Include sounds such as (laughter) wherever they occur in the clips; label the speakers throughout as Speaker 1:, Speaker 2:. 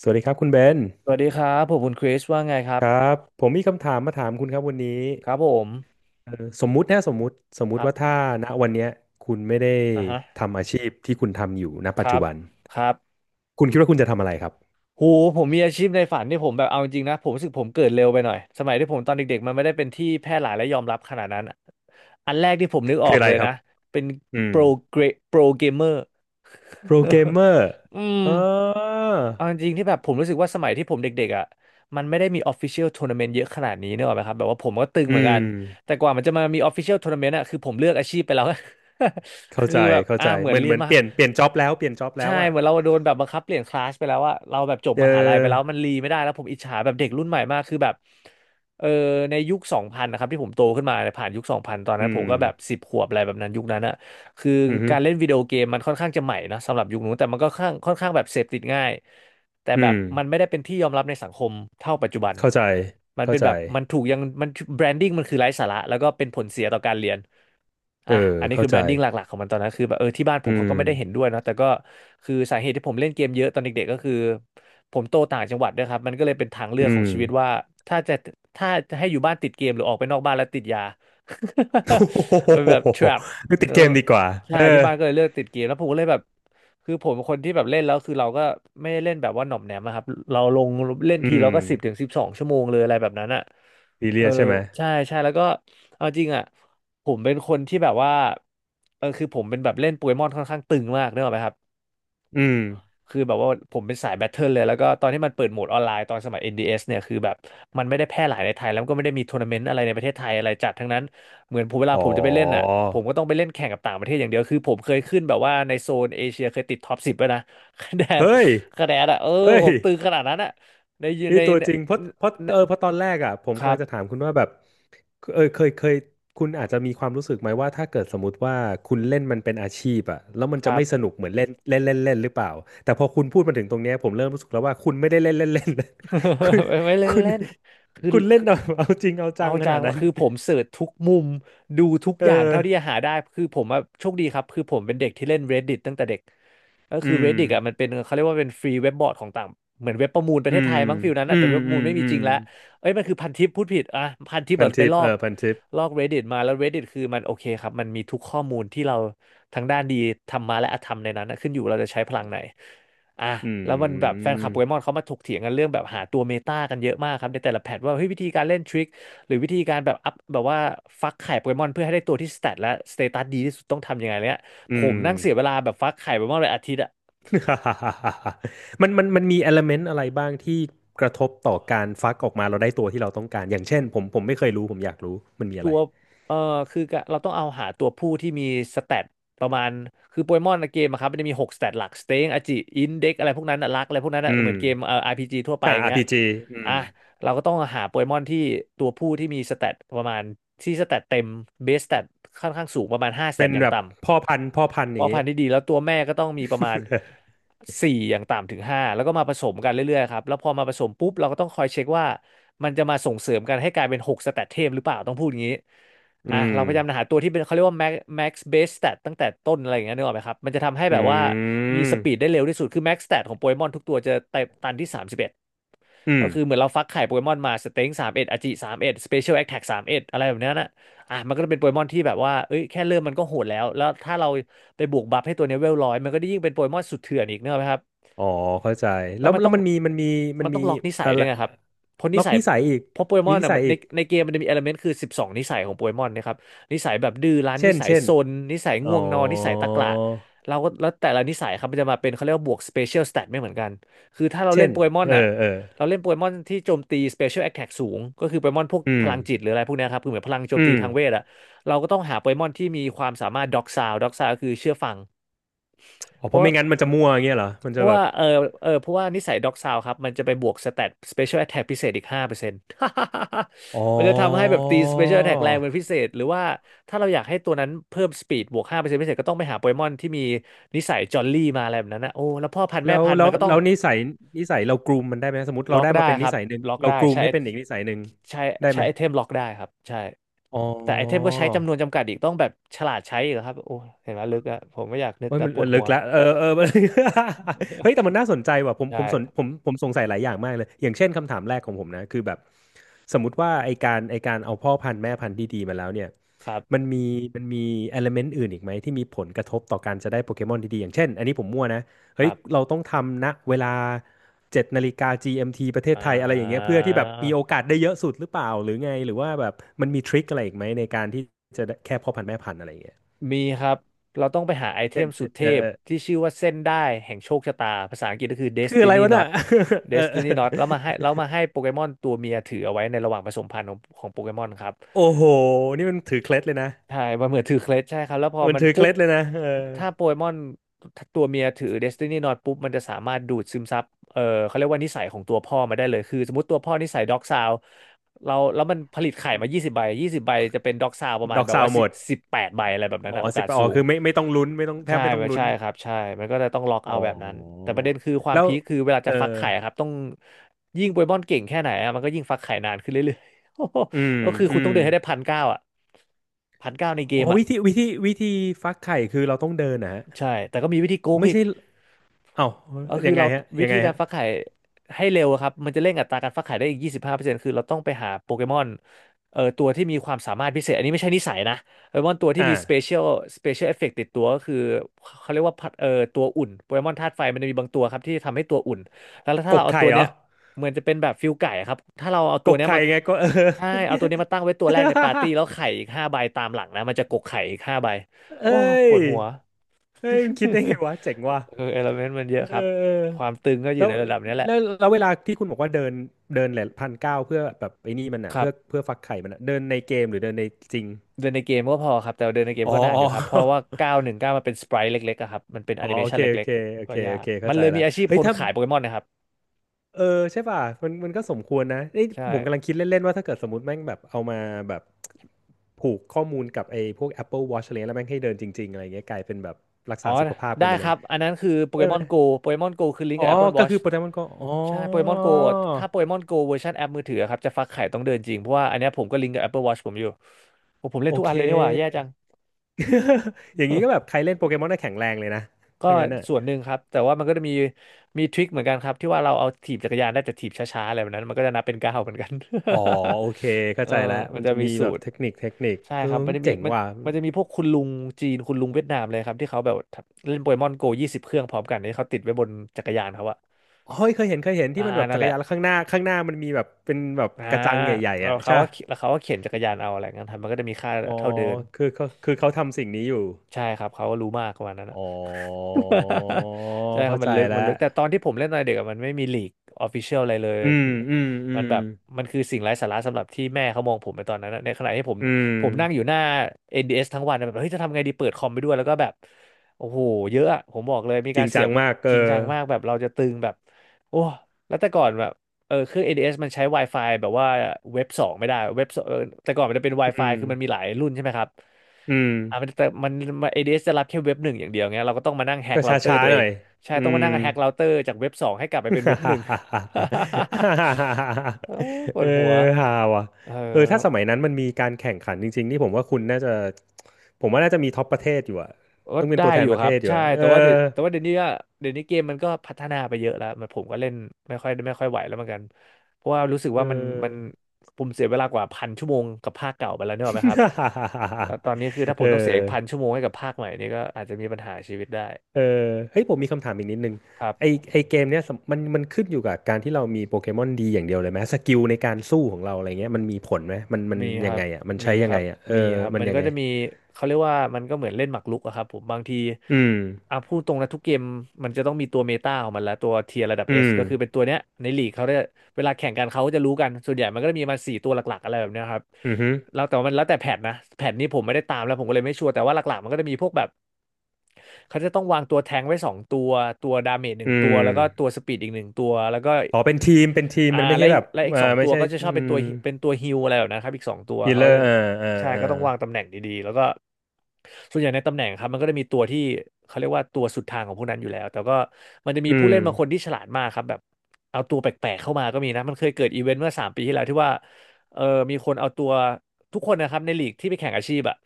Speaker 1: สวัสดีครับคุณเบน
Speaker 2: สวัสดีครับผมคุณคริสว่าไงครั
Speaker 1: ค
Speaker 2: บ
Speaker 1: รับผมมีคำถามมาถามคุณครับวันนี้
Speaker 2: ครับผม
Speaker 1: สมมุติสมมุ
Speaker 2: ค
Speaker 1: ติ
Speaker 2: รับ
Speaker 1: ว่าถ้าณวันเนี้ยคุณไม่ได้
Speaker 2: อ่าฮะ
Speaker 1: ทำอาชีพที่คุณทำอยู่ณ
Speaker 2: ค
Speaker 1: ปัจ
Speaker 2: รั
Speaker 1: จุ
Speaker 2: บ
Speaker 1: บัน
Speaker 2: ครับ
Speaker 1: คุณคิดว่าคุณจะทำอะไรครับ
Speaker 2: หูผมมีอาชีพในฝันที่ผมแบบเอาจริงๆนะผมรู้สึกผมเกิดเร็วไปหน่อยสมัยที่ผมตอนเด็กๆมันไม่ได้เป็นที่แพร่หลายและยอมรับขนาดนั้นอะอันแรกที่ผมนึกอ
Speaker 1: คื
Speaker 2: อ
Speaker 1: อ
Speaker 2: ก
Speaker 1: อะ
Speaker 2: เล
Speaker 1: ไร
Speaker 2: ย
Speaker 1: ครั
Speaker 2: นะ
Speaker 1: บ
Speaker 2: เป็น
Speaker 1: อื
Speaker 2: โป
Speaker 1: ม
Speaker 2: รเกรโปรเกมเมอร์
Speaker 1: โปรแกรม
Speaker 2: (laughs)
Speaker 1: เมอร์
Speaker 2: อืม
Speaker 1: เออ
Speaker 2: เอาจริงๆที่แบบผมรู้สึกว่าสมัยที่ผมเด็กๆอ่ะมันไม่ได้มี official tournament เยอะขนาดนี้เนกอะไหมครับแบบว่าผมก็ตึง
Speaker 1: อื
Speaker 2: เหมือนกั
Speaker 1: ม
Speaker 2: น แต่กว่ามันจะมามี official tournament อะคือผมเลือกอาชีพไปแล้ว (laughs)
Speaker 1: เข้า
Speaker 2: คือ
Speaker 1: ใจ
Speaker 2: แบบ
Speaker 1: เข้า
Speaker 2: อ่า
Speaker 1: ใจ
Speaker 2: เหมือ
Speaker 1: เห
Speaker 2: น
Speaker 1: มือน
Speaker 2: เรี
Speaker 1: เห
Speaker 2: ยน
Speaker 1: มือน
Speaker 2: มา
Speaker 1: เปลี่ยนจ็อบแล้วเปลี่ยนจ็อบแล้
Speaker 2: ใช่
Speaker 1: วอ่ะ
Speaker 2: เหมือนเราโดนแบบบังคับเปลี่ยนคลาสไปแล้วอะเราแบบจบ
Speaker 1: เ
Speaker 2: มหาลัยไปแล้ว
Speaker 1: ออ
Speaker 2: มันรีไม่ได้แล้วผมอิจฉาแบบเด็กรุ่นใหม่มากคือแบบเออในยุคสองพันนะครับที่ผมโตขึ้นมาเนี่ยผ่านยุคสองพันตอน
Speaker 1: อื
Speaker 2: นั้นผม
Speaker 1: ม
Speaker 2: ก็แบบสิบขวบอะไรแบบนั้นยุคนั้นอะ คือ
Speaker 1: อืมอฮึ
Speaker 2: การเล่นวิดีโอเกมมันค่อนข้างจะใหม่นะสำหรับยุคนู้นแต่มันก็ค่อนข้างแบบเสพติดง่ายแต่แบ
Speaker 1: อื
Speaker 2: บ
Speaker 1: ม
Speaker 2: มันไม่ได้เป็นที่ยอมรับในสังคมเท่าปัจจุบัน
Speaker 1: เข้าใจ
Speaker 2: มัน
Speaker 1: เข้า
Speaker 2: เป็น
Speaker 1: ใจ
Speaker 2: แบบมันถูกยังมันแบรนดิ้งมันคือไร้สาระแล้วก็เป็นผลเสียต่อการเรียน
Speaker 1: เอ
Speaker 2: อ่ะ
Speaker 1: อ
Speaker 2: อันนี้
Speaker 1: เข้า
Speaker 2: คือแบ
Speaker 1: ใจ
Speaker 2: รนดิ้งหลักๆของมันตอนนั้นคือแบบเออที่บ้านผ
Speaker 1: อื
Speaker 2: มเขา
Speaker 1: ม
Speaker 2: ก็ไม่ได้เห็นด้วยนะแต่ก็คือสาเหตุที่ผมเล่นเกมเยอะตอนเด็กๆก็คือผมโตต่างจังหวัดด้วยครับมันก็เลยเป็นทางเลื
Speaker 1: อื
Speaker 2: อกของ
Speaker 1: ม
Speaker 2: ชีวิตว่าถ้าจะถ้าจะให้อยู่บ้านติดเกมหรือออกไปนอกบ้านแล้วติดยา
Speaker 1: (laughs) โอ้
Speaker 2: (laughs) แบบ
Speaker 1: โห
Speaker 2: trap
Speaker 1: นึกติ
Speaker 2: เอ
Speaker 1: ด
Speaker 2: อ
Speaker 1: เกมดีกว่า
Speaker 2: ใช่
Speaker 1: เออ
Speaker 2: ที่บ้านก็เลยเลือกติดเกมแล้วผมก็เลยแบบคือผมเป็นคนที่แบบเล่นแล้วคือเราก็ไม่ได้เล่นแบบว่าหน่อมแหนมอะครับเราลงเล่น
Speaker 1: อื
Speaker 2: ทีเรา
Speaker 1: ม
Speaker 2: ก็สิบถึงสิบสองชั่วโมงเลยอะไรแบบนั้นอ่ะ
Speaker 1: ซี
Speaker 2: เอ
Speaker 1: เรี
Speaker 2: อ
Speaker 1: ยสใช่ไหม
Speaker 2: ใช่ใช่แล้วก็เอาจริงอ่ะผมเป็นคนที่แบบว่าเออคือผมเป็นแบบเล่นโปเกมอนค่อนข้างตึงมากนึกออกไหมครับ
Speaker 1: อืม
Speaker 2: คือแบบว่าผมเป็นสายแบทเทิลเลยแล้วก็ตอนที่มันเปิดโหมดออนไลน์ตอนสมัย NDS เอสเนี่ยคือแบบมันไม่ได้แพร่หลายในไทยแล้วมันก็ไม่ได้มีทัวร์นาเมนต์อะไรในประเทศไทยอะไรจัดทั้งนั้นเหมือนผมเวลา
Speaker 1: อ๋
Speaker 2: ผ
Speaker 1: อ
Speaker 2: มจะไปเล่นอ่ะผมก็ต้องไปเล่นแข่งกับต่างประเทศอย่างเดียวคือผมเคยขึ้นแบบว่าในโซนเอเชียเคยติดท็อปสิบด้วยนะ (laughs) คะแนน
Speaker 1: เฮ้ย
Speaker 2: คะแนนอ่ะเออ
Speaker 1: เฮ้
Speaker 2: ผ
Speaker 1: ย
Speaker 2: มต่นขนาดนั้นอ่ะใน
Speaker 1: นี่
Speaker 2: ใน
Speaker 1: ตัว
Speaker 2: ใน
Speaker 1: จริงเพราะ
Speaker 2: ใน
Speaker 1: เออเพราะตอนแรกอ่ะผม
Speaker 2: ค
Speaker 1: กำ
Speaker 2: รั
Speaker 1: ลังจะ
Speaker 2: บ
Speaker 1: ถามคุณว่าแบบเออเคยคุณอาจจะมีความรู้สึกไหมว่าถ้าเกิดสมมติว่าคุณเล่นมันเป็นอาชีพอ่ะแล้วมัน
Speaker 2: ค
Speaker 1: จะ
Speaker 2: รับ
Speaker 1: ไม่สนุกเหมือนเล่นเล่นเล่นเล่นหรือเปล่าแต่พอคุณพูดมาถึงตรงเนี้ยผมเริ่มรู้สึกแล้วว่าคุณไม่ได้เล่นเล่นเล่น (laughs) คุณ
Speaker 2: (laughs) ไม่ไม่เล่น
Speaker 1: คุณ
Speaker 2: เล่นคือ
Speaker 1: คุณเล่นเอาจริงเอาจั
Speaker 2: เอา
Speaker 1: งข
Speaker 2: จั
Speaker 1: นาด
Speaker 2: ง
Speaker 1: นั้น
Speaker 2: คือผมเสิร์ชทุกมุมดูทุก
Speaker 1: เออ
Speaker 2: อย่างเท่าที่จะหาได้คือผมอะโชคดีครับคือผมเป็นเด็กที่เล่น Reddit ตั้งแต่เด็กก็
Speaker 1: อื
Speaker 2: คือ
Speaker 1: ม
Speaker 2: Reddit อ่ะมันเป็นเขาเรียกว่าเป็นฟรีเว็บบอร์ดของต่างเหมือนเว็บประมูลประ
Speaker 1: อื
Speaker 2: เทศไท
Speaker 1: ม
Speaker 2: ยมั้งฟิลนั้น
Speaker 1: อื
Speaker 2: อะแต่
Speaker 1: ม
Speaker 2: เว็บประ
Speaker 1: อื
Speaker 2: มูล
Speaker 1: ม
Speaker 2: ไม่มี
Speaker 1: อื
Speaker 2: จ
Speaker 1: ม
Speaker 2: ริงแล้วเอ้ยมันคือพันทิปพูดผิดอ่ะพันทิป
Speaker 1: พั
Speaker 2: แบ
Speaker 1: น
Speaker 2: บไป
Speaker 1: ทิป
Speaker 2: ลอ
Speaker 1: เอ
Speaker 2: ก
Speaker 1: อพันทิป
Speaker 2: ลอก Reddit มาแล้ว Reddit คือมันโอเคครับมันมีทุกข้อมูลที่เราทั้งด้านดีธรรมะและอธรรมในนั้นนะขึ้นอยู่เราจะใช้พลังไหนอ่ะ
Speaker 1: อื
Speaker 2: แล้วมันแบบแฟ
Speaker 1: ม
Speaker 2: นคลับโปเกมอนเขามาถกเถียงกันเรื่องแบบหาตัวเมตากันเยอะมากครับในแต่ละแพทว่าเฮ้ยวิธีการเล่นทริค หรือวิธีการแบบอัพแบบว่าฟักไข่โปเกมอนเพื่อให้ได้ตัวที่สเตตและสเตตัสดีที่สุดต้องทำยังไงเนี่ย
Speaker 1: อื
Speaker 2: ผม
Speaker 1: ม
Speaker 2: นั่งเสียเวลาแบบฟักไข่โปเกมอนเลยอาทิตย์อะ
Speaker 1: (laughs) มันมีเอลเมนต์อะไรบ้างที่กระทบต่อการฟักออกมาเราได้ตัวที่เราต้องการ อย่างเช่นผมไม่เคยรู้ ผมอยากรู้ มันมีอะ
Speaker 2: ตั
Speaker 1: ไร
Speaker 2: วเออคือเราต้องเอาหาตัวผู้ที่มีสเตตประมาณคือโปเกมอนในเกมอะครับมันจะมีหกสเตตหลักสเตงอจิอินเด็กอะไรพวกนั้นอะลักอะไรพวกนั้นอะ
Speaker 1: อื
Speaker 2: เห
Speaker 1: ม
Speaker 2: มือนเกมRPG ทั่วไป
Speaker 1: อ่า
Speaker 2: อย่างเงี้ย
Speaker 1: RPG อืม
Speaker 2: อ่ะ เราก็ต้องหาโปเกมอนที่ตัวผู้ที่มีสเตตประมาณที่สเตตเต็มเบสสเตตค่อนข้างสูงประมาณห้าสเต
Speaker 1: เป็
Speaker 2: ต
Speaker 1: น
Speaker 2: อย่าง
Speaker 1: แบบ
Speaker 2: ต่
Speaker 1: พ่อพันธุ์พ่อพัน
Speaker 2: ำ
Speaker 1: ธุ์อ
Speaker 2: เพอ
Speaker 1: ย่าง
Speaker 2: พั
Speaker 1: งี้
Speaker 2: นธุ์ที่ดีแล้วตัวแม่ก็ต้องมีประมาณสี่อย่างต่ำถึงห้าแล้วก็มาผสมกันเรื่อยๆครับแล้วพอมาผสมปุ๊บเราก็ต้องคอยเช็คว่ามันจะมาส่งเสริมกันให้กลายเป็นหกสเตตเทพหรือเปล่าต้องพูดอย่างนี้
Speaker 1: (laughs) อื
Speaker 2: อ่ะ
Speaker 1: ม
Speaker 2: เราพยายามหาตัวที่เป็นเขาเรียกว่า max base stat ตั้งแต่ต้นอะไรอย่างเงี้ยนึกออกไหมครับมันจะทำให้
Speaker 1: อื
Speaker 2: แบบว่ามีสปีดได้
Speaker 1: ม
Speaker 2: เร็วที่สุดคือ max stat ของโปเกมอนทุกตัวจะตตันที่สามสิบเอ็ด
Speaker 1: อืม
Speaker 2: ก็คือเหมือนเราฟักไข่โปเกมอนมาสเต็งสามเอ็ดอาจิสามเอ็ดสเปเชียลแอคแท็กสามเอ็ดอะไรแบบเนี้ยนะอ่ะมันก็จะเป็นโปเกมอนที่แบบว่าเอ้ยแค่เริ่มมันก็โหดแล้วแล้วถ้าเราไปบวกบัฟให้ตัวเนี้ยเวลร้อยมันก็ได้ยิ่งเป็นโปเกมอนสุดเถื่อนอีกเนกอะไหมครับ
Speaker 1: อ๋อ เข้าใจ
Speaker 2: แล้
Speaker 1: แล้
Speaker 2: ว
Speaker 1: ว
Speaker 2: มันต้อง
Speaker 1: มั
Speaker 2: มั
Speaker 1: น
Speaker 2: นต้อ
Speaker 1: มี
Speaker 2: งล็อกนิสั
Speaker 1: อะ
Speaker 2: ยด้ว
Speaker 1: ไร
Speaker 2: ยนะครับเพราะนิ
Speaker 1: ล็อก
Speaker 2: สัย
Speaker 1: นิสัยอีก
Speaker 2: เพราะโปเกม
Speaker 1: มี
Speaker 2: อน
Speaker 1: นิ
Speaker 2: อ่ะ
Speaker 1: สั
Speaker 2: มั
Speaker 1: ย
Speaker 2: น
Speaker 1: อีก
Speaker 2: ในเกมมันจะมีเอลเมนต์คือสิบสองนิสัยของโปเกมอนนะครับนิสัยแบบดื้อรั้นนิ
Speaker 1: เช่น
Speaker 2: สัย
Speaker 1: เช่น
Speaker 2: ซนนิสัย
Speaker 1: อ๋
Speaker 2: ง่วงนอนนิสัยตะ
Speaker 1: อ
Speaker 2: กละเราก็แล้วแต่ละนิสัยครับมันจะมาเป็นเขาเรียกว่าบวกสเปเชียลสเตตไม่เหมือนกันคือถ้าเราเล่
Speaker 1: เช่
Speaker 2: น
Speaker 1: น
Speaker 2: โปเกมอน
Speaker 1: เอ
Speaker 2: อ่ะ
Speaker 1: อเออ
Speaker 2: เราเล่นโปเกมอนที่โจมตีสเปเชียลแอ t แท็กสูงก็คือโปเกมอนพวก
Speaker 1: อื
Speaker 2: พ
Speaker 1: ม
Speaker 2: ลังจิตหรืออะไรพวกเนี้ยครับคือเหมือนพลังโจ
Speaker 1: อื
Speaker 2: มตี
Speaker 1: ม
Speaker 2: ทางเวทอะเราก็ต้องหาโปเกมอนที่มีความสามารถด็อกซาวด็อกซาวคือเชื่อฟัง
Speaker 1: อ๋อ
Speaker 2: เพ
Speaker 1: เพ
Speaker 2: ราะ
Speaker 1: ราะ
Speaker 2: ว่า
Speaker 1: ไม่งั้นมันจะมั่วอย่างเงี้ยเหรอมัน
Speaker 2: เพ
Speaker 1: จะ
Speaker 2: ราะ
Speaker 1: แบ
Speaker 2: ว่า
Speaker 1: บ
Speaker 2: เออเพราะว่านิสัยด็อกซาวครับมันจะไปบวกสแตทสเปเชียลแอทแทกพิเศษอีกห้าเปอร์เซ็นต์
Speaker 1: อ๋อ
Speaker 2: (laughs) มันจะทำให้แบบตีสเปเชียลแอทแทกแรงเป็นพิเศษหรือว่าถ้าเราอยากให้ตัวนั้นเพิ่มสปีดบวกห้าเปอร์เซ็นต์พิเศษก็ต้องไปหาโปเกมอนที่มีนิสัยจอลลี่มาอะไรแบบนั้นนะโอ้แล้วพ่อพันธุ์
Speaker 1: แล้
Speaker 2: แม่
Speaker 1: ว
Speaker 2: พันธุ์
Speaker 1: แล้
Speaker 2: มั
Speaker 1: ว
Speaker 2: นก็ต้อง
Speaker 1: แล้วนิสัยนิสัยเรากรูมมันได้ไหมสมมติ
Speaker 2: ล็
Speaker 1: เรา
Speaker 2: อก
Speaker 1: ได้
Speaker 2: ได้
Speaker 1: มาเป็น
Speaker 2: ค
Speaker 1: นิ
Speaker 2: รับ
Speaker 1: สัยหนึ่ง
Speaker 2: ล็อก
Speaker 1: เรา
Speaker 2: ได้
Speaker 1: กรูม
Speaker 2: ใช้
Speaker 1: ให้เป็นอีกนิสัยหนึ่ง
Speaker 2: ใช้
Speaker 1: ได้
Speaker 2: ใช้
Speaker 1: ไหม
Speaker 2: ไอเทมล็อกได้ครับใช่
Speaker 1: อ๋
Speaker 2: แต่ไอเทมก็
Speaker 1: อ
Speaker 2: ใช้จำนวนจำกัดอีกต้องแบบฉลาดใช้อีกครับโอ้เห็นไหมลึกอะผมไม่อยากนึก
Speaker 1: โอ้ย
Speaker 2: แล้ว
Speaker 1: มัน
Speaker 2: ปวดหั
Speaker 1: ลึก
Speaker 2: ว
Speaker 1: ละเออเออ (laughs) มัน (laughs) เฮ้ยแต่มันน่าสนใจว่ะผมผ
Speaker 2: ได้
Speaker 1: มสนผมสงสัยหลายอย่างมากเลยอย่างเช่นคำถามแรกของผมนะคือแบบสมมติว่าไอการเอาพ่อพันธุ์แม่พันธุ์ดีๆมาแล้วเนี่ย
Speaker 2: ครับ
Speaker 1: มันมีมันมีเอลเมนต์อื่นอีกไหมที่มีผลกระทบต่อการจะได้โปเกมอนดีๆอย่างเช่นอันนี้ผมมั่วนะ
Speaker 2: ค
Speaker 1: เฮ้ย
Speaker 2: รับ
Speaker 1: เราต้องทำณเวลาเจ็ดนาฬิกา GMT ประเทศ
Speaker 2: อ่
Speaker 1: ไทยอะไรอย่างเงี้ย
Speaker 2: า
Speaker 1: เพื่อที่แบบมีโอกาสได้เยอะสุดหรือเปล่าหรือไงหรือว่าแบบมันมีทริคอะไรอีกไหมในการที่จะได้แค่พ่อพันธุ์แม่พันธุ์อะไรอย่างเงี้ย
Speaker 2: มีครับ เราต้องไปหาไอเท
Speaker 1: เช่น
Speaker 2: มสุ
Speaker 1: เช่
Speaker 2: ด
Speaker 1: น
Speaker 2: เท
Speaker 1: เออ
Speaker 2: พที่ชื่อว่าเส้นได้แห่งโชคชะตาภาษาอังกฤษก็คือ
Speaker 1: คืออะไร
Speaker 2: Destiny
Speaker 1: วะน่ะ
Speaker 2: Knot
Speaker 1: (laughs) เออเอ
Speaker 2: Destiny Knot
Speaker 1: อ
Speaker 2: แล้วมาให้โปเกมอนตัวเมียถือเอาไว้ในระหว่างผสมพันธุ์ของโปเกมอนครับ
Speaker 1: โอ้โหนี่มันถือเคล็ดเลยนะ
Speaker 2: ใช่ มันเหมือนถือเคล็ดใช่ครับ แล้วพอ
Speaker 1: มัน
Speaker 2: มัน
Speaker 1: ถือเค
Speaker 2: ปุ๊
Speaker 1: ล็
Speaker 2: บ
Speaker 1: ดเลยนะเออ
Speaker 2: ถ้าโปเกมอนตัวเมียถือเดสตินีนอตปุ๊บ มันจะสามารถดูดซึมซับเออเขาเรียกว่านิสัยของตัวพ่อมาได้เลยคือสมมติตัวพ่อนิสัยด็อกซาวเราแล้วมันผลิตไข่มา 20ใบ20ใบจะเป็นด็อกซาวประมา
Speaker 1: ด
Speaker 2: ณ
Speaker 1: อก
Speaker 2: แบบ
Speaker 1: สาว
Speaker 2: ว่า
Speaker 1: หมด
Speaker 2: 1 8ใบอะไรแบบนั้
Speaker 1: อ๋
Speaker 2: น
Speaker 1: อ
Speaker 2: นะโอ
Speaker 1: สิ
Speaker 2: กา
Speaker 1: บ
Speaker 2: ส
Speaker 1: อ๋
Speaker 2: สู
Speaker 1: อ
Speaker 2: ง
Speaker 1: คือไม่ไม่ต้องลุ้นไม่ต้องแท
Speaker 2: ใช่
Speaker 1: บไม่ต้องลุ้
Speaker 2: ใช่
Speaker 1: น
Speaker 2: ครับใช่มันก็จะต้องล็อก
Speaker 1: อ๋
Speaker 2: เอา
Speaker 1: อ
Speaker 2: แบบนั้น แต่ประเด็นคือความ
Speaker 1: แล้ว
Speaker 2: พีคคือเวลา
Speaker 1: เอ
Speaker 2: จะ
Speaker 1: อ
Speaker 2: ฟักไข่ครับต้องยิ่งโปเกมอนเก่งแค่ไหนอะมันก็ยิ่งฟักไข่นานขึ้นเรื่อย
Speaker 1: อืม
Speaker 2: ๆ ก็คือ
Speaker 1: อื
Speaker 2: คุณต้อ
Speaker 1: ม
Speaker 2: งเดินให้ได้พันเก้าอ่ะพันเก้าในเก
Speaker 1: อ๋อ
Speaker 2: มอ่ะ
Speaker 1: วิธีฟักไข่คือเราต้องเดินนะฮะ
Speaker 2: ใช่แต่ก็มีวิธีโกง
Speaker 1: ไม่
Speaker 2: อีก
Speaker 1: ใช่เอ้า
Speaker 2: ก็คื
Speaker 1: ยั
Speaker 2: อ
Speaker 1: งไง
Speaker 2: เรา
Speaker 1: ฮะ
Speaker 2: วิ
Speaker 1: ยังไง
Speaker 2: ธีการ
Speaker 1: ฮะ
Speaker 2: ฟักไข่ให้เร็วอะครับมันจะเร่งอัตราการฟักไข่ได้อีกยี่สิบห้าเปอร์เซ็นต์คือเราต้องไปหาโปเกมอนตัวที่มีความสามารถพิเศษอันนี้ไม่ใช่นิสัยนะโปเกมอนตัวที่มีสเป
Speaker 1: อ่า
Speaker 2: เชียลสเปเชียลเอฟเฟกต์ติดตัวก็คือเขาเรียกว่าพัดตัวอุ่นโปเกมอนธาตุไฟมันจะมีบางตัวครับที่ทำให้ตัวอุ่นแล้วถ้า
Speaker 1: ก
Speaker 2: เรา
Speaker 1: ก
Speaker 2: เอา
Speaker 1: ไข่
Speaker 2: ตัว
Speaker 1: เหร
Speaker 2: เนี้
Speaker 1: อ
Speaker 2: ยเหมือนจะเป็นแบบฟิลไก่อะครับถ้าเราเอา
Speaker 1: ก
Speaker 2: ตัว
Speaker 1: ก
Speaker 2: เนี้ย
Speaker 1: ไข่
Speaker 2: มา
Speaker 1: ไงก็เออ
Speaker 2: ใช่เอาตัวเนี้ยมาตั้งไว้ตัวแรกในปาร์ตี้
Speaker 1: (laughs)
Speaker 2: แล้วไข่อีกห้าใบตามหลังนะมันจะกกไข่อีกห้าใบ
Speaker 1: เอ้
Speaker 2: โอ้ป
Speaker 1: ย
Speaker 2: วดหัว
Speaker 1: เอ้ยมันคิดได้ไง
Speaker 2: (laughs)
Speaker 1: วะเจ๋งว่ะ
Speaker 2: เออเอลเมนต์มันเย
Speaker 1: เอ
Speaker 2: อะครับ
Speaker 1: อ
Speaker 2: ความตึงก็อยู่
Speaker 1: แล้ว
Speaker 2: ในระดับเนี้ยแหละ
Speaker 1: แล้วเวลาที่คุณบอกว่าเดินเดินแหละพันเก้าเพื่อแบบไอ้นี่มัน
Speaker 2: ค
Speaker 1: อ่ะ
Speaker 2: รั
Speaker 1: เพื่อ
Speaker 2: บ
Speaker 1: เพื่อฟักไข่มันอ่ะเดินในเกมหรือเดินในจริง
Speaker 2: เดินในเกมก็พอครับแต่ว่าเดินในเกม
Speaker 1: อ๋อ
Speaker 2: ก็นาน
Speaker 1: อ๋
Speaker 2: อ
Speaker 1: อ
Speaker 2: ยู่ครับเพราะว่า9 1าหนึ่งเก้ามันเป็นสไปร์เล็กๆอะครับมันเป็น
Speaker 1: (laughs)
Speaker 2: แอ
Speaker 1: อ๋อ
Speaker 2: นิเม
Speaker 1: โอ
Speaker 2: ชัน
Speaker 1: เคโอ
Speaker 2: เล็ก
Speaker 1: เคโอ
Speaker 2: ๆก็
Speaker 1: เค
Speaker 2: ยา
Speaker 1: โอ
Speaker 2: ก
Speaker 1: เค
Speaker 2: มั
Speaker 1: เข้า
Speaker 2: น
Speaker 1: ใจ
Speaker 2: เลย
Speaker 1: แล้
Speaker 2: มี
Speaker 1: ว
Speaker 2: อาชีพ
Speaker 1: เฮ้
Speaker 2: ค
Speaker 1: ย
Speaker 2: น
Speaker 1: ถ้า
Speaker 2: ขายโปเกมอนนะครับ
Speaker 1: เออใช่ป่ะมันมันก็สมควรนะเอ้ย
Speaker 2: ใช่
Speaker 1: ผมกำลังคิดเล่นๆว่าถ้าเกิดสมมติแม่งแบบเอามาแบบผูกข้อมูลกับไอ้พวก Apple Watch อะไรเงี้ยแล้วแม่งให้เดินจริงๆอะไรเงี้ยกลายเป็นแบบรัก
Speaker 2: อ๋อ
Speaker 1: ษาสุขภาพกั
Speaker 2: ได้
Speaker 1: นไป
Speaker 2: ค
Speaker 1: เลย
Speaker 2: รับอันนั้นคือโปเก
Speaker 1: ใช่
Speaker 2: ม
Speaker 1: ไหม
Speaker 2: อนโกโปเกมอนโกคือลิงก์
Speaker 1: อ๋อ
Speaker 2: กับ Apple
Speaker 1: ก็
Speaker 2: Watch
Speaker 1: คือโปเกมอนก็อ๋อ
Speaker 2: ใช่โปเกมอนโกถ้าโปเกมอนโกเวอร์ชันแอปมือถือครับจะฟักไข่ต้องเดินจริงเพราะว่าอันเนี้ยผมก็ลิงก์กับ Apple Watch ผมอยู่โอ้ผมเล่
Speaker 1: โอ
Speaker 2: นทุก
Speaker 1: เค
Speaker 2: อันเลยนี่หว่าแย่จัง
Speaker 1: (laughs) อย่างนี้ก็แบบใครเล่นโปเกมอนได้แข็งแรงเลยนะ
Speaker 2: ก็
Speaker 1: ถ้างั้นน่ะ
Speaker 2: ส่วนหนึ่งครับแต่ว่ามันก็จะมีทริคเหมือนกันครับที่ว่าเราเอาถีบจักรยานได้แต่ถีบช้าๆอะไรแบบนั้นมันก็จะนับเป็นก้าวเหมือนกัน
Speaker 1: อ๋อโอเค
Speaker 2: (laughs) เอ
Speaker 1: เข้า
Speaker 2: อ
Speaker 1: ใจแล้ว
Speaker 2: มั
Speaker 1: มั
Speaker 2: น
Speaker 1: น
Speaker 2: จะ
Speaker 1: จะ
Speaker 2: มี
Speaker 1: มี
Speaker 2: สู
Speaker 1: แบบ
Speaker 2: ตร
Speaker 1: เทคนิค
Speaker 2: ใช่
Speaker 1: เออ
Speaker 2: ครับมันจะมี
Speaker 1: เจ๋ง
Speaker 2: มัน
Speaker 1: ว่ะ
Speaker 2: มันจะมีพวกคุณลุงจีนคุณลุงเวียดนามเลยครับที่เขาแบบเล่นโปเกมอนโก20 เครื่องพร้อมกันนี่เขาติดไว้บนจักรยานเขาอะ
Speaker 1: เฮ้ยเคยเห็นที่
Speaker 2: อ่า
Speaker 1: มันแบบ
Speaker 2: นั่
Speaker 1: จั
Speaker 2: น
Speaker 1: ก
Speaker 2: แห
Speaker 1: ร
Speaker 2: ละ
Speaker 1: ยานแล้วข้างหน้ามันมีแบบเป็นแบบ
Speaker 2: อ่า
Speaker 1: กระจังใหญ่ๆ
Speaker 2: แล้
Speaker 1: อ่ะ
Speaker 2: วเขา
Speaker 1: ใช่
Speaker 2: ก็
Speaker 1: ปะ
Speaker 2: ขี่แล้วเขาก็เข็นจักรยานเอาอะไรเงี้ยครับมันก็จะมีค่า
Speaker 1: อ๋อ
Speaker 2: เท่าเดิน
Speaker 1: คือเขาทำสิ่งนี้อยู่
Speaker 2: ใช่ครับเขาก็รู้มากกว่านั้นอะ
Speaker 1: อ๋อ
Speaker 2: (laughs) ใช่ครั
Speaker 1: เข้า
Speaker 2: บมั
Speaker 1: ใจ
Speaker 2: นลึก
Speaker 1: แล้
Speaker 2: มั
Speaker 1: ว
Speaker 2: นลึกแต่ตอนที่ผมเล่นตอนเด็กอะมันไม่มีลีกออฟฟิเชียลอะไรเลย
Speaker 1: อืมอืมอื
Speaker 2: มัน
Speaker 1: ม
Speaker 2: แบบมันคือสิ่งไร้สาระสำหรับที่แม่เขามองผมในตอนนั้นอะในขณะที่ผม
Speaker 1: อืม
Speaker 2: ผมนั่งอยู่หน้า NDS ทั้งวันอะแบบเฮ้ยจะทำไงดีเปิดคอมไปด้วยแล้วก็แบบโอ้โหเยอะอะผมบอกเลยมี
Speaker 1: จ
Speaker 2: กา
Speaker 1: ริ
Speaker 2: ร
Speaker 1: ง
Speaker 2: เสี
Speaker 1: จั
Speaker 2: ย
Speaker 1: ง
Speaker 2: บ
Speaker 1: มากเอ
Speaker 2: จ
Speaker 1: อ
Speaker 2: ริงจังมากแบบเราจะตึงแบบโอ้แล้วแต่ก่อนแบบเออเครื่องเ d s มันใช้ Wi-Fi แบบว่าเว็บสองไม่ได้เว็บสองเออแต่ก่อนมันจะเป็น
Speaker 1: อื
Speaker 2: Wi-Fi
Speaker 1: ม
Speaker 2: คือมันมีหลายรุ่นใช่ไหมครับ
Speaker 1: อืม
Speaker 2: อ่ามันแต่มันมัน ADS จะรับแค่เว็บหนึ่งอย่างเดียวไงเราก็ต้องมานั่งแฮ
Speaker 1: ก็
Speaker 2: ก
Speaker 1: ช
Speaker 2: เราเตอร์
Speaker 1: ้า
Speaker 2: ตัว
Speaker 1: ๆห
Speaker 2: เอ
Speaker 1: น่อ
Speaker 2: ง
Speaker 1: ย
Speaker 2: ใช่
Speaker 1: อื
Speaker 2: ต้องมา
Speaker 1: ม
Speaker 2: นั่งแฮกเราเตอร์จากเว็บสองให้กลับไปเป็น
Speaker 1: (laughs)
Speaker 2: เว็
Speaker 1: ฮ่า
Speaker 2: บห
Speaker 1: ฮ่า
Speaker 2: นึ่ง
Speaker 1: ฮ่า
Speaker 2: (laughs)
Speaker 1: ฮ่าฮ่าฮ่าฮ่าฮ่าฮ่า
Speaker 2: โอ้ยป
Speaker 1: เอ
Speaker 2: ว
Speaker 1: อ
Speaker 2: ดหัว
Speaker 1: ฮาว่ะ
Speaker 2: เออ
Speaker 1: เออถ้าสมัยนั้นมันมีการแข่งขันจริงๆนี่ผมว่าคุณน่าจะผมว่าน่าจะมีท็อปประเทศอยู่อะ
Speaker 2: ก็
Speaker 1: ต้องเป็น
Speaker 2: ได้
Speaker 1: ตัวแท
Speaker 2: อ
Speaker 1: น
Speaker 2: ยู่
Speaker 1: ประ
Speaker 2: ค
Speaker 1: เท
Speaker 2: รับ
Speaker 1: ศอยู่
Speaker 2: ใช่
Speaker 1: อะเออ
Speaker 2: แต่ว่าเดี๋ยวนี้ก็เดี๋ยวนี้เกมมันก็พัฒนาไปเยอะแล้วมันผมก็เล่นไม่ค่อยไม่ค่อยไหวแล้วเหมือนกันเพราะว่ารู้สึก
Speaker 1: เ
Speaker 2: ว่ามัน
Speaker 1: ออ
Speaker 2: ผมเสียเวลากว่าพันชั่วโมงกับภาคเก่าไปแล้วเนี่ยหรอกไหมครับ
Speaker 1: ฮ่าฮ่าฮ่าฮ่าฮ่า
Speaker 2: แล้วตอนนี้คือถ้าผ
Speaker 1: เออ
Speaker 2: มต้องเสียอีกพันชั่วโมงให้กับภาคใหม่นี่ก็อาจจะมีปัญหาชีวิตได้
Speaker 1: เออเฮ้ยผมมีคำถามอีกนิดนึง
Speaker 2: ครับ
Speaker 1: ไอไอเกมเนี้ยสำมันขึ้นอยู่กับการที่เรามีโปเกมอนดีอย่างเดียวเลยไหมสกิลในการสู้ของเราอะไรเงี้ยมันมีผลไหมมันมัน
Speaker 2: มีค
Speaker 1: ยั
Speaker 2: รั
Speaker 1: ง
Speaker 2: บ
Speaker 1: ไงอ่ะมัน
Speaker 2: มี
Speaker 1: ใช้ยั
Speaker 2: ค
Speaker 1: ง
Speaker 2: รั
Speaker 1: ไง
Speaker 2: บ
Speaker 1: อ่ะเออ
Speaker 2: มีครับ
Speaker 1: มัน
Speaker 2: มัน
Speaker 1: ยั
Speaker 2: ก็
Speaker 1: งไง
Speaker 2: จะมีเขาเรียกว่ามันก็เหมือนเล่นหมากรุกอะครับผมบางที
Speaker 1: อืม
Speaker 2: อ่ะพูดตรงนะทุกเกมมันจะต้องมีตัวเมตาของมันแล้วตัวเทียร์ระดับ
Speaker 1: อื
Speaker 2: S
Speaker 1: ม
Speaker 2: ก็คือเป็นตัวเนี้ยในลีกเขาได้เวลาแข่งกันเขาก็จะรู้กันส่วนใหญ่มันก็จะมีมาสี่ตัวหลักๆอะไรแบบเนี้ยครับ
Speaker 1: อือฮึ
Speaker 2: แล้วแต่ว่ามันแล้วแต่แพทนะแพทนี้ผมไม่ได้ตามแล้วผมก็เลยไม่ชัวร์แต่ว่าหลักๆมันก็จะมีพวกแบบ เขาจะต้องวางตัวแทงค์ไว้สองตัวตัวดาเมจหนึ่
Speaker 1: อื
Speaker 2: งตัวแล้วก็ตัว
Speaker 1: ม
Speaker 2: สปีดอีกหนึ่งตัวแล้วก็
Speaker 1: อ๋อเป็นทีม
Speaker 2: อ่า
Speaker 1: มันไม่
Speaker 2: และ
Speaker 1: ใช่
Speaker 2: อี
Speaker 1: แบ
Speaker 2: ก
Speaker 1: บ
Speaker 2: และอีก
Speaker 1: เออ
Speaker 2: สอง
Speaker 1: ไม่
Speaker 2: ตัว
Speaker 1: ใช่
Speaker 2: ก็จะช
Speaker 1: อื
Speaker 2: อบเป็น
Speaker 1: ม
Speaker 2: ตัวฮิลอะไรแบบนะครับอีกสองตัว
Speaker 1: ฮีล
Speaker 2: เขา
Speaker 1: เลอ
Speaker 2: จะ
Speaker 1: ร์อ่าอ่า
Speaker 2: ใช่
Speaker 1: อ่า
Speaker 2: ก็ต้องวางตำแหน่งดีๆแล้วก็ส่วนใหญ่ในตำแหน่งครับมันก็จะมีตัวที่เขาเรียกว่าตัวสุดทางของพวกนั้นอยู่แล้วแต่ก็มันจะมี
Speaker 1: อื
Speaker 2: ผู้
Speaker 1: ม
Speaker 2: เล่นบางคนที่ฉลาดมากครับแบบเอาตัวแปลกๆเข้ามาก็มีนะมันเคยเกิดอีเวนต์เมื่อ3 ปีที่แล้วที่ว่าเออมีคนเอาตัวทุกคนนะครับในลีกที่ไปแข่งอาชีพอะ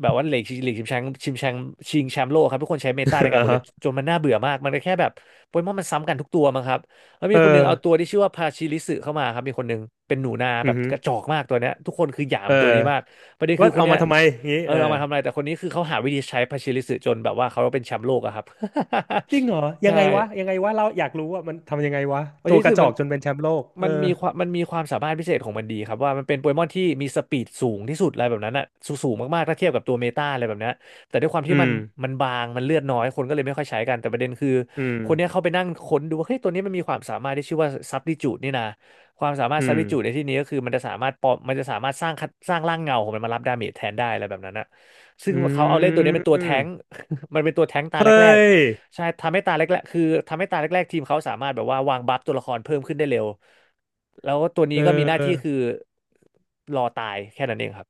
Speaker 2: แบบว่าลีกลีกชิงแชมป์ชิงแชมป์ชิงแชมป์โลกครับทุกคนใช้เมตาใน
Speaker 1: (laughs)
Speaker 2: การ
Speaker 1: อ่า
Speaker 2: หมดเล
Speaker 1: ฮะ
Speaker 2: ยจนมันน่าเบื่อมากมันก็แค่แบบโปเกมอนมันซ้ำกันทุกตัวมั้งครับแล้วมี
Speaker 1: เออ
Speaker 2: คนหนึงเอาตัวที่ชื่อว่าพาชิริสึเข้ามาครับมีคนหนึงเป็นหนูนาแบ
Speaker 1: อือ
Speaker 2: บ
Speaker 1: ฮึ
Speaker 2: กระจอกมากตัวเนี้ยทุกคนคือหยาม
Speaker 1: เอ
Speaker 2: ตัว
Speaker 1: อ
Speaker 2: นี้มากประเด็นคื
Speaker 1: ว่า
Speaker 2: อคน
Speaker 1: เอา
Speaker 2: เนี้ย
Speaker 1: มาทำไมงี้
Speaker 2: เออ
Speaker 1: เอ
Speaker 2: เอา
Speaker 1: อ
Speaker 2: มาทำอะไรแต่คนนี้คือเขาหาวิธีใช้พาชิริสึจนแบบว่าเขาเป็นแชมป์โลกอะครับ
Speaker 1: จริงเหรอ
Speaker 2: (laughs)
Speaker 1: ยั
Speaker 2: ใช่
Speaker 1: งไงวะยังไงวะเราอยากรู้ว่ามันทำยังไงวะ
Speaker 2: โอ
Speaker 1: ตั
Speaker 2: ชิ
Speaker 1: วก
Speaker 2: สึ
Speaker 1: ระจอ
Speaker 2: มัน
Speaker 1: กจนเป็นแชมป์โลกเอ
Speaker 2: มัน
Speaker 1: อ
Speaker 2: มีความมันมีความสามารถพิเศษของมันดีครับว่ามันเป็นโปเกมอนที่มีสปีดสูงที่สุดอะไรแบบนั้นอะสูงสูงมากๆถ้าเทียบกับตัวเมตาอะไรแบบเนี้ยแต่ด้วยความที่
Speaker 1: อื
Speaker 2: มัน
Speaker 1: ม
Speaker 2: มันบางมันเลือดน้อยคนก็เลยไม่ค่อยใช้กันแต่ประเด็นคือ
Speaker 1: อืม
Speaker 2: คนเนี้ยเขาไปนั่งค้นดูว่าเฮ้ยตัวนี้มันมีความสามารถที่ชื่อว่าซับดิจูดนี่นะความสามารถ
Speaker 1: อื
Speaker 2: ซับ
Speaker 1: ม
Speaker 2: ดิจูดในที่นี้ก็คือมันจะสามารถปลอมมันจะสามารถสร้างร่างเงาของมันมารับดาเมจแทนได้อะไรแบบนั้นอะซึ่ง
Speaker 1: อื
Speaker 2: เขาเอาเล่นตัวนี้เป็นตัวแท้ง
Speaker 1: ม
Speaker 2: (laughs) มันเป็นตัวแท้งตา
Speaker 1: เฮ
Speaker 2: แร
Speaker 1: ้
Speaker 2: ก
Speaker 1: ย
Speaker 2: ใช่ทำให้ตาแรกๆคือทำให้ตาแรกๆทีมเขาสามารถแบบว่าวางบัฟตัวละครเพิ่มขึ้นได้เร็วแล้วตัวนี้
Speaker 1: เออ
Speaker 2: ก็มีหน้าที่คือรอตายแค่นั้นเองครับ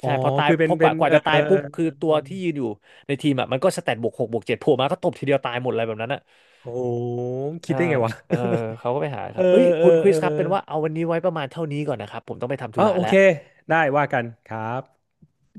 Speaker 1: อ๋อ
Speaker 2: ใช่พอตาย
Speaker 1: คือเป็
Speaker 2: พ
Speaker 1: น
Speaker 2: อก
Speaker 1: เป็
Speaker 2: ว่า
Speaker 1: น
Speaker 2: กว่า
Speaker 1: เออ
Speaker 2: จะตา
Speaker 1: เอ
Speaker 2: ย
Speaker 1: อ
Speaker 2: ปุ๊บคือ
Speaker 1: เออ
Speaker 2: ตัวที่ยืนอยู่ในทีมอ่ะมันก็สแตทบวกหกบวกเจ็ดโผล่มาก็ตบทีเดียวตายหมดอะไรแบบนั้นอ่ะ
Speaker 1: โหคิด
Speaker 2: ใช่
Speaker 1: ได้ไงวะ
Speaker 2: เออเขาก็ไปหา
Speaker 1: (laughs)
Speaker 2: ค
Speaker 1: เอ
Speaker 2: รับเอ้ย
Speaker 1: อเอ
Speaker 2: คุณ
Speaker 1: อ
Speaker 2: คริ
Speaker 1: เอ
Speaker 2: ส
Speaker 1: อ
Speaker 2: ครับเป็นว่าเอาวันนี้ไว้ประมาณเท่านี้ก่อนนะครับผมต้องไปทำธุ
Speaker 1: อ๋อ
Speaker 2: ระ
Speaker 1: โอ
Speaker 2: แล้ว
Speaker 1: เคได้ว่ากันครับ